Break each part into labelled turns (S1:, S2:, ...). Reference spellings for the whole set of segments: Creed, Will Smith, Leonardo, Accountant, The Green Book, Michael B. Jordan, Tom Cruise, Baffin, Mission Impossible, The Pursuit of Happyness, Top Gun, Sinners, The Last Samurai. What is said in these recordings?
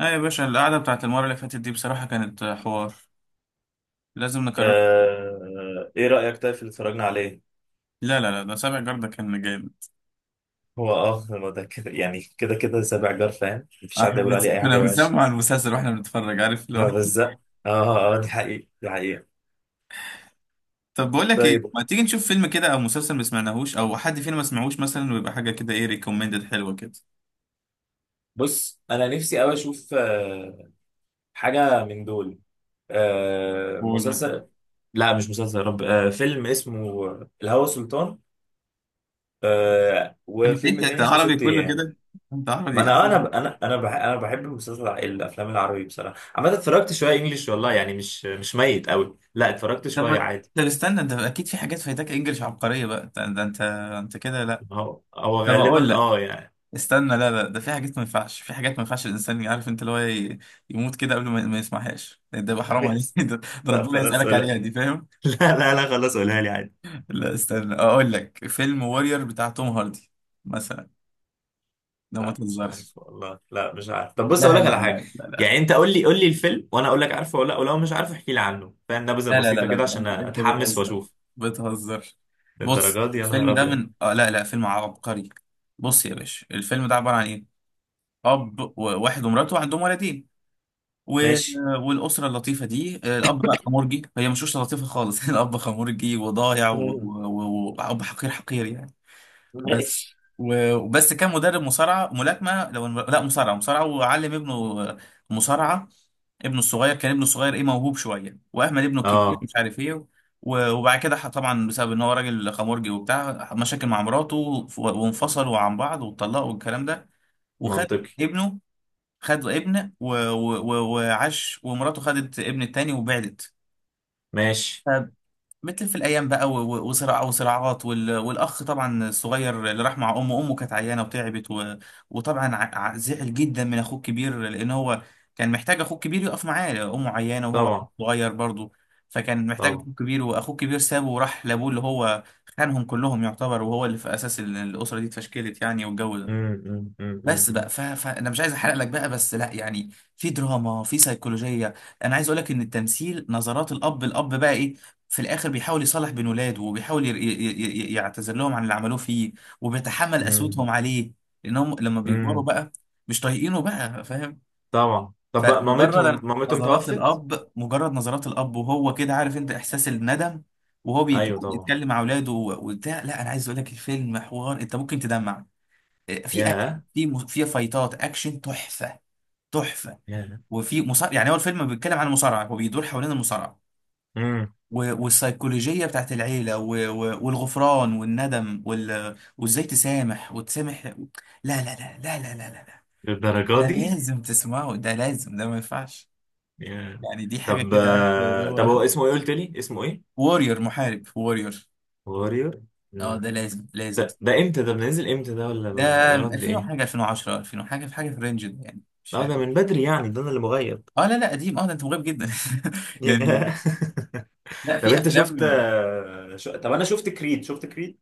S1: اه يا باشا، القعدة بتاعت المرة اللي فاتت دي بصراحة كانت حوار. لازم نكرر.
S2: ايه رأيك طيب في اللي اتفرجنا عليه؟
S1: لا ده سابع جردة كان جامد.
S2: هو ده كده يعني كده كده سابع جار، فاهم؟ مفيش حد
S1: احنا
S2: يقول عليه اي
S1: كنا
S2: حاجة وحشة.
S1: بنسمع المسلسل واحنا بنتفرج، عارف اللي
S2: ما
S1: هو.
S2: بزق اه. اه اه، دي حقيقة دي حقيقة.
S1: طب بقول لك ايه،
S2: طيب.
S1: ما تيجي نشوف فيلم كده او مسلسل ما سمعناهوش او حد فينا ما سمعوش مثلا، ويبقى حاجة كده ايه، ريكومندد حلوة كده.
S2: بص، انا نفسي قوي اشوف حاجة من دول.
S1: قول مثلا.
S2: مسلسل. لا مش مسلسل يا رب. فيلم اسمه الهوى سلطان.
S1: طب انت
S2: وفيلم
S1: انت أنت
S2: تاني اسمه
S1: عربي
S2: ست
S1: كله
S2: ايام.
S1: كده. انت
S2: ما
S1: عربي
S2: انا آه،
S1: عربي
S2: انا انا انا بح- انا بحب المسلسل الافلام العربي بصراحه، عامه اتفرجت شويه انجليش، والله يعني مش ميت قوي، لا اتفرجت
S1: طب ما
S2: شويه عادي.
S1: طب استنى، انت اكيد في حاجات فايتاك انجلش عبقرية بقى. ده انت، انت كده. لا
S2: هو
S1: طب اقول
S2: غالبا
S1: لك.
S2: يعني.
S1: استنى لا، ده في حاجات ما ينفعش، في حاجات ما ينفعش الانسان، عارف انت اللي هو يموت كده قبل ما يسمعهاش. ده يبقى حرام عليك.
S2: بيحصل.
S1: ده, ده
S2: لا
S1: ربنا
S2: خلاص
S1: يسألك
S2: قولها.
S1: عليها دي، فاهم؟
S2: لا لا لا، خلاص قولها لي عادي.
S1: لا استنى اقول لك، فيلم وورير بتاع توم هاردي مثلا. ده ما
S2: لا مش عارف
S1: تهزرش.
S2: والله، لا مش عارف. طب بص اقول
S1: لا
S2: لك
S1: لا
S2: على حاجه.
S1: لا لا لا
S2: يعني انت قول لي قول لي الفيلم وانا اقول لك عارفه ولا لا، ولو مش عارف احكي لي عنه، فاهم؟ نبذه
S1: لا لا لا,
S2: بسيطه
S1: لا.
S2: كده
S1: ده
S2: عشان
S1: انت
S2: اتحمس
S1: بتهزر،
S2: واشوف.
S1: بتهزر. بص
S2: للدرجه دي؟ يا نهار
S1: الفيلم ده
S2: ابيض.
S1: من اه لا فيلم عبقري. بص يا باشا، الفيلم ده عبارة عن ايه، اب وواحد ومراته عندهم ولدين و-
S2: ماشي.
S1: والاسره اللطيفه دي، الاب بقى خمرجي، هي مش اسره لطيفه خالص. الاب خمرجي وضايع، واب
S2: مم.
S1: واب حقير، حقير يعني. بس
S2: ماشي.
S1: وبس كان مدرب مصارعه، ملاكمه لو لا مصارعه، وعلم ابنه مصارعه. ابنه الصغير كان، ابنه الصغير ايه، موهوب شويه، واهمل ابنه الكبير
S2: اه.
S1: مش عارف ايه. وبعد كده طبعا بسبب ان هو راجل خمرجي وبتاع، مشاكل مع مراته، وانفصلوا عن بعض واتطلقوا والكلام ده. وخد
S2: منطقي.
S1: ابنه، خد ابن وعاش، ومراته خدت ابن التاني وبعدت.
S2: ماشي.
S1: فبتلف الأيام بقى وصراع وصراعات والأخ طبعا الصغير اللي راح مع أمه، أمه كانت عيانة وتعبت و... وطبعا زعل جدا من أخوه الكبير، لأن هو كان محتاج أخوه الكبير يقف معاه، أمه عيانة وهو
S2: طبعا
S1: صغير برضه. فكان محتاج أخوه
S2: طبعا.
S1: الكبير، وأخوه الكبير سابه وراح لأبوه، اللي هو خانهم كلهم يعتبر، وهو اللي في أساس الأسرة دي اتفشكلت يعني، والجو ده.
S2: مم، مم، مم،
S1: بس بقى
S2: مم،
S1: ف... فانا مش عايز احرق لك بقى بس، لا يعني في دراما، في سيكولوجيه. انا عايز اقول لك ان التمثيل، نظرات الاب، الاب بقى ايه، في الاخر بيحاول يصالح بين ولاده، وبيحاول يعتذر لهم عن اللي عملوه فيه، وبيتحمل
S2: مم،
S1: قسوتهم عليه، لانهم لما بيكبروا
S2: مم.
S1: بقى مش طايقينه بقى، فاهم؟
S2: طبعا. طب بقى مامتهم
S1: فمجرد
S2: مامتهم
S1: نظرات
S2: توفت؟
S1: الاب، مجرد نظرات الاب وهو كده، عارف انت احساس الندم، وهو
S2: ايوه طبعا.
S1: بيتكلم مع اولاده وبتاع. لا انا عايز اقول لك، الفيلم حوار، انت ممكن تدمع. في اكشن،
S2: ياه.
S1: في في فايتات اكشن تحفه، تحفه.
S2: ياه.
S1: وفي مصارع يعني، هو الفيلم بيتكلم عن المصارعه، هو بيدور حوالين المصارعه
S2: امم.
S1: والسيكولوجيه بتاعت العيله والغفران والندم وازاي تسامح وتسامح. لا
S2: للدرجة
S1: ده
S2: دي؟
S1: لازم تسمعه، ده لازم، ده ما ينفعش.
S2: ياه.
S1: يعني دي حاجه
S2: طب
S1: كده، عارف اللي
S2: آه، طب
S1: هو،
S2: هو اسمه ايه قلت لي؟ اسمه ايه؟
S1: وورير، محارب، وورير.
S2: واريور.
S1: اه
S2: مم.
S1: ده لازم.
S2: ده امتى ده بننزل امتى، ده ولا
S1: ده
S2: بنقعد
S1: 2000
S2: ايه؟
S1: وحاجه، 2010، 2000 وحاجه، في حاجه في الرينج ده يعني، مش
S2: لا ده من بدري يعني، ده انا اللي مغيب.
S1: اه لا قديم. اه ده انت مغيب جدا.
S2: ياه.
S1: يعني، لا
S2: طب
S1: في
S2: انت شفت
S1: افلام.
S2: آه، شو... طب انا شفت كريد، شفت كريد؟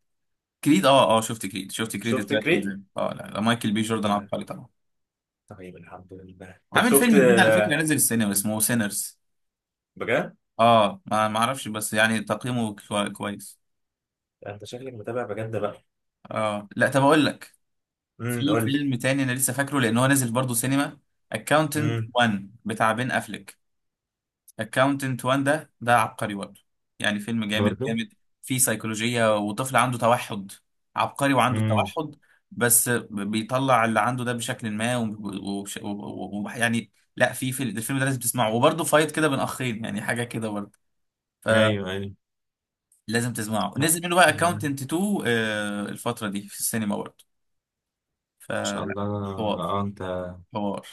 S1: كريد اه شفت كريد، شفت كريد
S2: شفت
S1: الثلاث
S2: كريد؟
S1: اجزاء، اه لا مايكل بي جوردن
S2: طيب.
S1: عبقري طبعا.
S2: طيب الحمد لله. طب
S1: عامل
S2: شفت
S1: فيلم جديد على فكره، نزل السينما، اسمه سينرز.
S2: بجد؟
S1: اه ما اعرفش بس يعني تقييمه كويس.
S2: انت شكلك متابع بجد بقى.
S1: اه لا طب اقول لك، في
S2: قول لي.
S1: فيلم تاني انا لسه فاكره، لان هو نازل برضه سينما، اكاونتنت
S2: امم.
S1: 1 بتاع بين افليك. اكاونتنت وان ده عبقري برضه يعني، فيلم جامد
S2: برضو.
S1: جامد. فيه سيكولوجية، وطفل عنده توحد، عبقري وعنده
S2: امم.
S1: توحد، بس بيطلع اللي عنده ده بشكل ما. ويعني لا في الفيلم ده لازم تسمعه، وبرضه فايت كده بين اخين، يعني حاجة كده برضه، فلازم
S2: ايوه ايوه.
S1: تسمعه.
S2: لا
S1: نزل منه بقى
S2: يعني ان
S1: اكاونتنت 2، الفترة دي في السينما برضه،
S2: شاء
S1: فلا،
S2: الله.
S1: حوار،
S2: اه انت.
S1: حوار.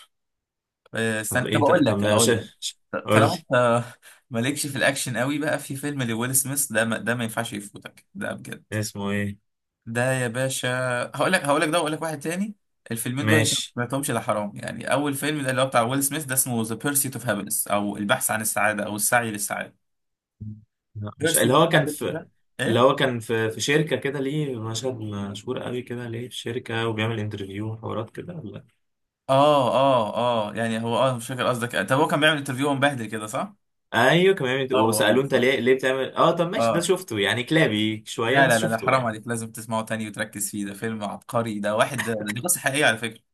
S2: طب
S1: استنى طب
S2: ايه
S1: اقول
S2: طب
S1: لك
S2: لا،
S1: اقول لك
S2: مش- قول
S1: طالما
S2: لي
S1: انت مالكش في الاكشن قوي بقى، في فيلم لويل سميث ده، ما ده ما ينفعش يفوتك، ده بجد.
S2: اسمه ايه.
S1: ده يا باشا، هقول لك ده، واقول لك واحد تاني. الفيلمين دول انت ما
S2: ماشي.
S1: سمعتهمش، لا حرام يعني. اول فيلم ده اللي هو بتاع ويل سميث ده، اسمه ذا بيرسيت اوف هابينس، او البحث عن السعاده، او السعي للسعاده.
S2: لا مش اللي
S1: بيرسيت اوف
S2: هو كان
S1: هابينس
S2: في،
S1: ده.
S2: اللي
S1: ايه
S2: هو كان في شركة كده، ليه مشهد مشهور قوي كده، ليه في شركة وبيعمل انترفيو وحوارات كده ولا؟
S1: اه اه اه يعني هو اه مش فاكر قصدك، طب هو كان بيعمل انترفيو، ومبهدل كده صح؟
S2: ايوه كان بيعمل
S1: هو
S2: وسألوه انت
S1: صح.
S2: ليه بتعمل. اه طب ماشي، ده
S1: اه
S2: شفته يعني كلابي شوية،
S1: لا
S2: بس
S1: لا لا ده
S2: شفته
S1: حرام
S2: يعني.
S1: عليك، لازم تسمعه تاني وتركز فيه، ده فيلم عبقري ده، واحد ده، دي قصة حقيقية على فكرة.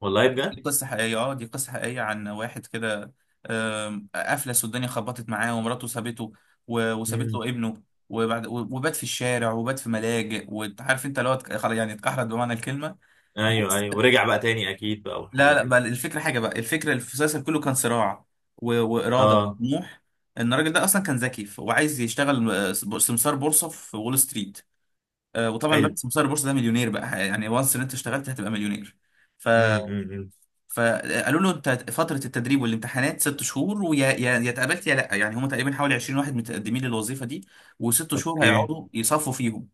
S2: والله.
S1: دي قصة حقيقية، اه دي قصة حقيقية عن واحد كده. أفلس والدنيا خبطت معاه، ومراته سابته وسابت
S2: بجد.
S1: له ابنه. وبعد وبات في الشارع، وبات في ملاجئ، وعارف انت اللي هو خلاص يعني، اتكحرت بمعنى الكلمة.
S2: ايوه
S1: بس
S2: ايوه، ورجع بقى تاني اكيد بقى
S1: لا
S2: والحاجات
S1: لا
S2: دي.
S1: بقى الفكرة، حاجة بقى الفكرة، المسلسل كله كان صراع وإرادة
S2: اه
S1: وطموح، ان الراجل ده اصلا كان ذكي، وعايز يشتغل سمسار بورصة في وول ستريت. آه، وطبعا
S2: حلو.
S1: بس مسار البورصه ده مليونير بقى يعني، وانس ان انت اشتغلت هتبقى مليونير. ف
S2: امم. إمم.
S1: فقالوا له، انت فتره التدريب والامتحانات ست شهور، ويا يا يا اتقبلت يا لا، يعني هم تقريبا حوالي 20 واحد متقدمين للوظيفه دي، وست شهور
S2: اوكي.
S1: هيقعدوا يصفوا فيهم.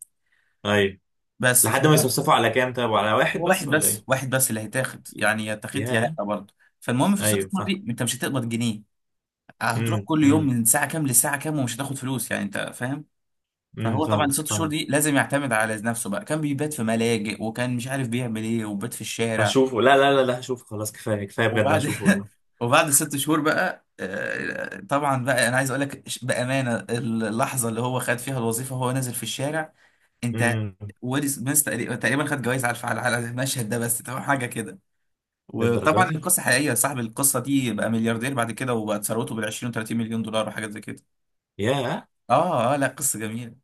S2: ايوه.
S1: بس
S2: لحد ما
S1: فهو،
S2: يصفصفوا، على كام طيب، على واحد
S1: هو واحد
S2: بس ولا
S1: بس
S2: ايه؟
S1: واحد بس اللي هيتاخد يعني، يا اتاخدت يا لا
S2: يا
S1: برضه. فالمهم في الست
S2: ايوه
S1: شهور دي
S2: فاهم.
S1: انت مش هتقبض جنيه، هتروح كل يوم
S2: امم.
S1: من ساعه كام لساعه كام، ومش هتاخد فلوس، يعني انت فاهم. فهو طبعا
S2: فاهمك
S1: ست شهور دي
S2: فاهمك.
S1: لازم يعتمد على نفسه بقى، كان بيبات في ملاجئ، وكان مش عارف بيعمل ايه، وبات في الشارع.
S2: هشوفه. لا لا لا لا، هشوفه خلاص، كفايه كفايه بجد،
S1: وبعد
S2: هشوفه والله.
S1: وبعد ست شهور بقى، آه، طبعا بقى انا عايز اقول لك بامانه، اللحظه اللي هو خد فيها الوظيفه وهو نازل في الشارع، انت،
S2: امم.
S1: ويل سميث تقريبا تقريباً خد جوائز على الفعل، على على المشهد ده بس، تمام حاجه كده.
S2: للدرجه
S1: وطبعا
S2: دي؟
S1: القصه حقيقيه، صاحب القصه دي بقى ملياردير بعد كده، وبقت ثروته بال 20 و 30 مليون دولار وحاجات زي كده.
S2: يا
S1: اه لا قصه جميله.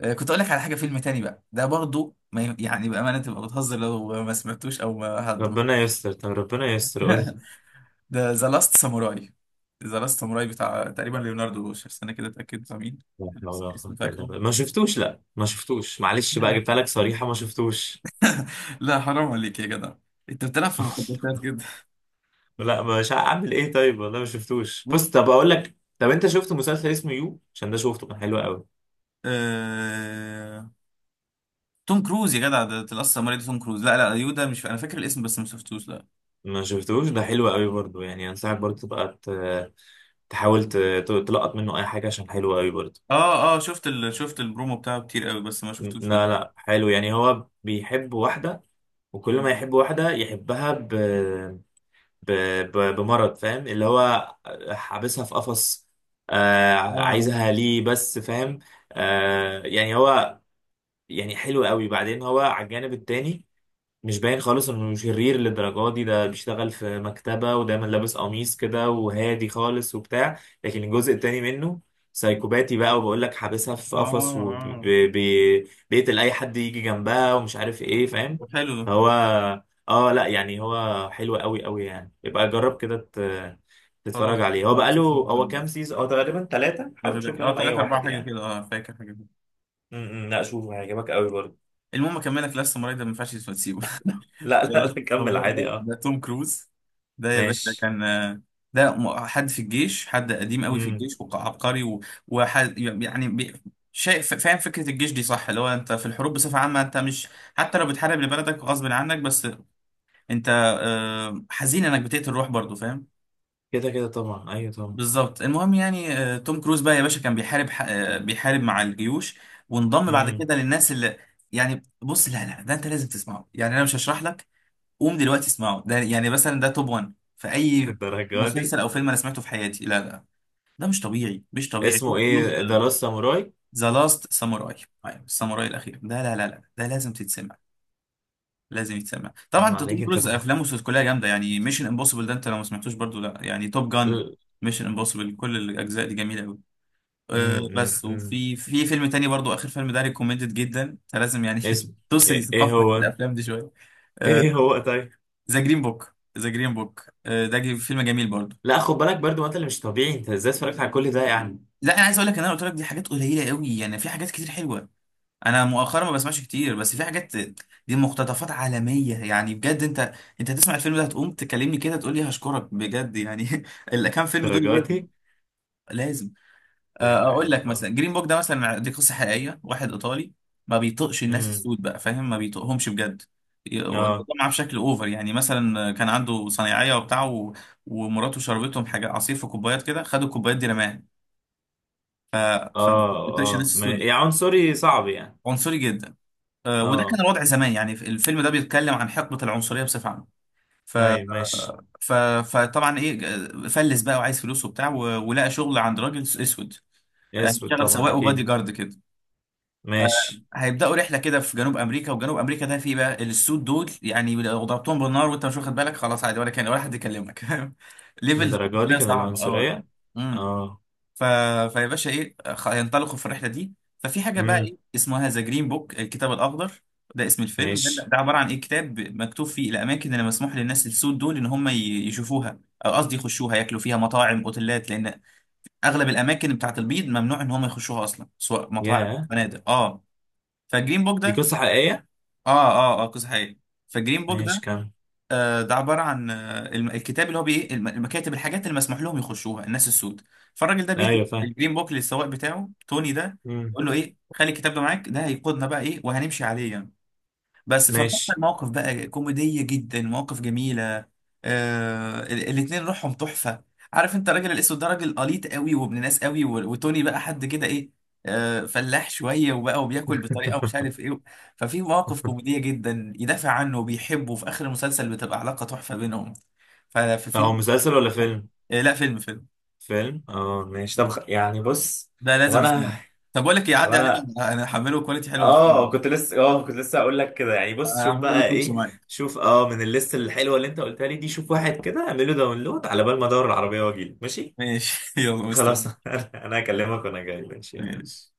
S1: آه، كنت اقول لك على حاجه، فيلم تاني بقى ده برضو ما يعني بامانه تبقى بتهزر لو ما سمعتوش او ما حد.
S2: ربنا يستر. طب ربنا يستر، قول لي.
S1: ده ذا لاست ساموراي. ذا لاست ساموراي بتاع تقريبا ليوناردو، شوف استنى كده اتاكد بتاع مين.
S2: لا حول
S1: بس
S2: ولا
S1: اسم
S2: قوة إلا
S1: فاكره.
S2: بالله، ما شفتوش. لا ما شفتوش، معلش
S1: لا
S2: بقى،
S1: لا
S2: جبتها لك صريحة، ما شفتوش.
S1: لا حرام عليك يا جدع، انت بتلعب في مخططات كده.
S2: لا مش هعمل ايه، طيب والله ما شفتوش. مم. بص طب اقول لك. طب انت شفت مسلسل اسمه يو؟ عشان ده شفته، كان حلو قوي.
S1: آه... توم كروز يا جدع، ده لاست ساموراي ده، توم كروز، لا لا، يودا مش، انا فاكر الاسم بس ما شفتوش لا.
S2: ما شفتوش. ده حلو قوي برضو، يعني انصحك برضو تبقى تحاول تلقط منه اي حاجه عشان حلو قوي برضو.
S1: اه شفت ال... شفت البرومو بتاعه كتير قوي بس ما شفتوش لا.
S2: لا لا، حلو. يعني هو بيحب واحده، وكل ما
S1: اه
S2: يحب واحده يحبها ب... بمرض، فاهم؟ اللي هو حابسها في قفص. آه
S1: اه
S2: عايزها ليه بس، فاهم؟ يعني هو، يعني حلو قوي، بعدين هو على الجانب التاني. مش باين خالص انه شرير للدرجه دي. ده بيشتغل في مكتبة ودايما لابس قميص كده وهادي خالص وبتاع، لكن الجزء التاني منه سايكوباتي بقى، وبقول لك حابسها في
S1: اه
S2: قفص
S1: اه
S2: وبيقتل اي حد يجي جنبها ومش عارف ايه، فاهم؟
S1: طب حلو ده.
S2: هو اه لا، يعني هو حلو قوي قوي، يعني يبقى جرب كده
S1: خلاص
S2: تتفرج عليه. هو
S1: خلاص
S2: بقاله، هو كام سيزون؟ هو تقريبا ثلاثة، حاول
S1: في بالك.
S2: تشوف
S1: اه
S2: منهم اي
S1: ثلاثة أربعة
S2: واحد
S1: حاجة
S2: يعني.
S1: كده، اه فاكر حاجة كده.
S2: م- م، لا شوفه هيعجبك قوي برضه.
S1: المهم أكملك، لاست ساموراي ده ما ينفعش تسيبه.
S2: لا
S1: ده
S2: لا
S1: لاست
S2: لا، كمل
S1: ساموراي
S2: عادي.
S1: ده
S2: اه.
S1: ده توم كروز. ده يا باشا
S2: ماشي.
S1: كان ده حد في الجيش، حد قديم قوي في الجيش وعبقري وحد يعني شايف؟ فاهم فكرة الجيش دي صح، اللي هو أنت في الحروب بصفة عامة، أنت مش، حتى لو بتحارب لبلدك غصب عنك، بس أنت حزين إنك بتقتل روح برضه، فاهم؟
S2: كده كده طبعا، ايوه طبعا.
S1: بالظبط، المهم يعني، آه، توم كروز بقى يا باشا كان بيحارب ح- آه، بيحارب مع الجيوش، وانضم بعد
S2: امم.
S1: كده للناس اللي، يعني بص لا ده انت لازم تسمعه، يعني انا مش هشرح لك، قوم دلوقتي اسمعه. ده يعني مثلا ده توب 1 في اي
S2: الدرجة دي؟
S1: مسلسل او فيلم انا سمعته في حياتي، لا ده مش طبيعي، مش طبيعي،
S2: اسمه
S1: توم كروز.
S2: ايه؟ ذا لاست ساموراي.
S1: ذا لاست ساموراي، الساموراي الاخير ده، لا ده لازم تتسمع، لازم يتسمع. طبعا
S2: طبعا
S1: انت توم
S2: عليك انت.
S1: كروز افلامه كلها جامده، يعني ميشن امبوسيبل ده انت لو ما سمعتوش برضو، لا يعني، توب جان،
S2: امم.
S1: ميشن امبوسيبل كل الاجزاء دي جميله قوي. آه،
S2: امم.
S1: بس
S2: أمم.
S1: وفي فيلم تاني برضو، اخر فيلم ده ريكومندد جدا، انت لازم يعني،
S2: اسم.
S1: تسري
S2: ايه؟ إيه
S1: ثقافتك في
S2: هو؟
S1: الافلام دي شويه.
S2: ايه هو، طيب.
S1: ذا جرين بوك، ذا جرين بوك ده فيلم جميل برضو.
S2: لا خد بالك برضو، ما انت اللي مش طبيعي، انت ازاي اتفرجت على كل ده يعني؟
S1: لا انا عايز اقول لك، ان انا قلت لك دي حاجات قليله قوي يعني، في حاجات كتير حلوه. انا مؤخرا ما بسمعش كتير، بس في حاجات، دي مقتطفات عالميه يعني، بجد انت، انت هتسمع الفيلم ده هتقوم تكلمني كده، تقول لي هشكرك بجد يعني. الكام فيلم دول
S2: الدرجة
S1: لازم،
S2: دي؟
S1: لازم. آه،
S2: لا لا،
S1: اقول
S2: الا
S1: لك
S2: الله.
S1: مثلا جرين بوك ده مثلا، دي قصه حقيقيه، واحد ايطالي ما بيطقش الناس
S2: امم.
S1: السود بقى، فاهم؟ ما بيطقهمش بجد.
S2: اه
S1: وطبعا بشكل اوفر يعني، مثلا كان عنده صنايعيه وبتاع و... ومراته شربتهم حاجه، عصير في كوبايات كده، خدوا الكوبايات دي رماها. فما
S2: اه
S1: بيطقش الناس
S2: اه. ما...
S1: السود دي،
S2: يا عنصري، صعب يعني.
S1: عنصري جدا. آه، وده كان
S2: اه.
S1: الوضع زمان يعني، الفيلم ده بيتكلم عن حقبه العنصريه بصفه عامه. ف...
S2: ايوه ماشي.
S1: ف... فطبعا ايه، آه، فلس بقى وعايز فلوس وبتاع و... ولقى شغل عند راجل اسود. آه،
S2: اسود
S1: اشتغل
S2: طبعا
S1: سواق وبادي
S2: اكيد.
S1: جارد كده.
S2: ماشي.
S1: هيبداوا رحله كده في جنوب امريكا، وجنوب امريكا ده فيه بقى السود دول، يعني لو ضربتهم بالنار وانت مش واخد بالك خلاص، عادي ولا كان ولا حد يكلمك. ليفل،
S2: الدرجة دي
S1: ده
S2: كان
S1: صعب اه.
S2: العنصرية؟
S1: امم
S2: اه.
S1: ف... فيا باشا ايه، هينطلقوا في الرحله دي. ففي حاجه بقى
S2: امم.
S1: ايه، اسمها ذا جرين بوك، الكتاب الاخضر، ده اسم الفيلم ده,
S2: ماشي.
S1: ده عباره عن ايه، كتاب مكتوب فيه الاماكن اللي مسموح للناس السود دول ان هم يشوفوها، او قصدي يخشوها، ياكلوا فيها، مطاعم، اوتيلات، لان اغلب الاماكن بتاعت البيض ممنوع ان هم يخشوها اصلا، سواء مطاعم
S2: ياه.
S1: فنادق اه. فالجرين بوك
S2: دي
S1: ده
S2: قصة حقيقية.
S1: اه قصة حقيقية. فالجرين بوك
S2: ماشي
S1: ده،
S2: كمل.
S1: آه ده عبارة عن آه الكتاب اللي هو بي ايه، المكاتب، الحاجات اللي مسموح لهم يخشوها الناس السود. فالراجل ده بيدي
S2: ايوه فاهم.
S1: الجرين بوك للسواق بتاعه، توني ده،
S2: مم.
S1: يقول له ايه خلي الكتاب ده معاك، ده هيقودنا بقى ايه، وهنمشي عليه يعني. بس فبتحصل
S2: ماشي
S1: مواقف بقى كوميدية جدا، مواقف جميلة. آه الاتنين روحهم تحفة، عارف انت، الراجل الاسود ده راجل قليط قوي وابن ناس قوي، وتوني بقى حد كده ايه، آه فلاح شوية وبقى وبياكل بطريقة مش عارف ايه. ففي مواقف كوميدية جدا، يدافع عنه وبيحبه، وفي اخر المسلسل بتبقى علاقة تحفة بينهم. ففي
S2: طب
S1: فيلم
S2: هو مسلسل ولا فيلم؟
S1: آه لا فيلم.
S2: فيلم، اه ماشي. طب يعني بص.
S1: ده
S2: طب
S1: لازم
S2: انا.
S1: نسمعه. طب بقول لك إيه،
S2: طب
S1: عدي عليا،
S2: انا.
S1: انا هحمله كواليتي حلوه ونسمعه.
S2: كنت لسه هقول لك كده يعني، بص شوف
S1: هعمله
S2: بقى
S1: ريبوتش
S2: ايه.
S1: معاك.
S2: شوف، من الليست الحلوه اللي انت قلتها لي دي، شوف واحد كده اعمل له داونلود على بال ما ادور العربيه واجي، ماشي.
S1: ماشي. يلا
S2: خلاص.
S1: مستني.
S2: انا هكلمك وانا جاي، ماشي.
S1: ماشي.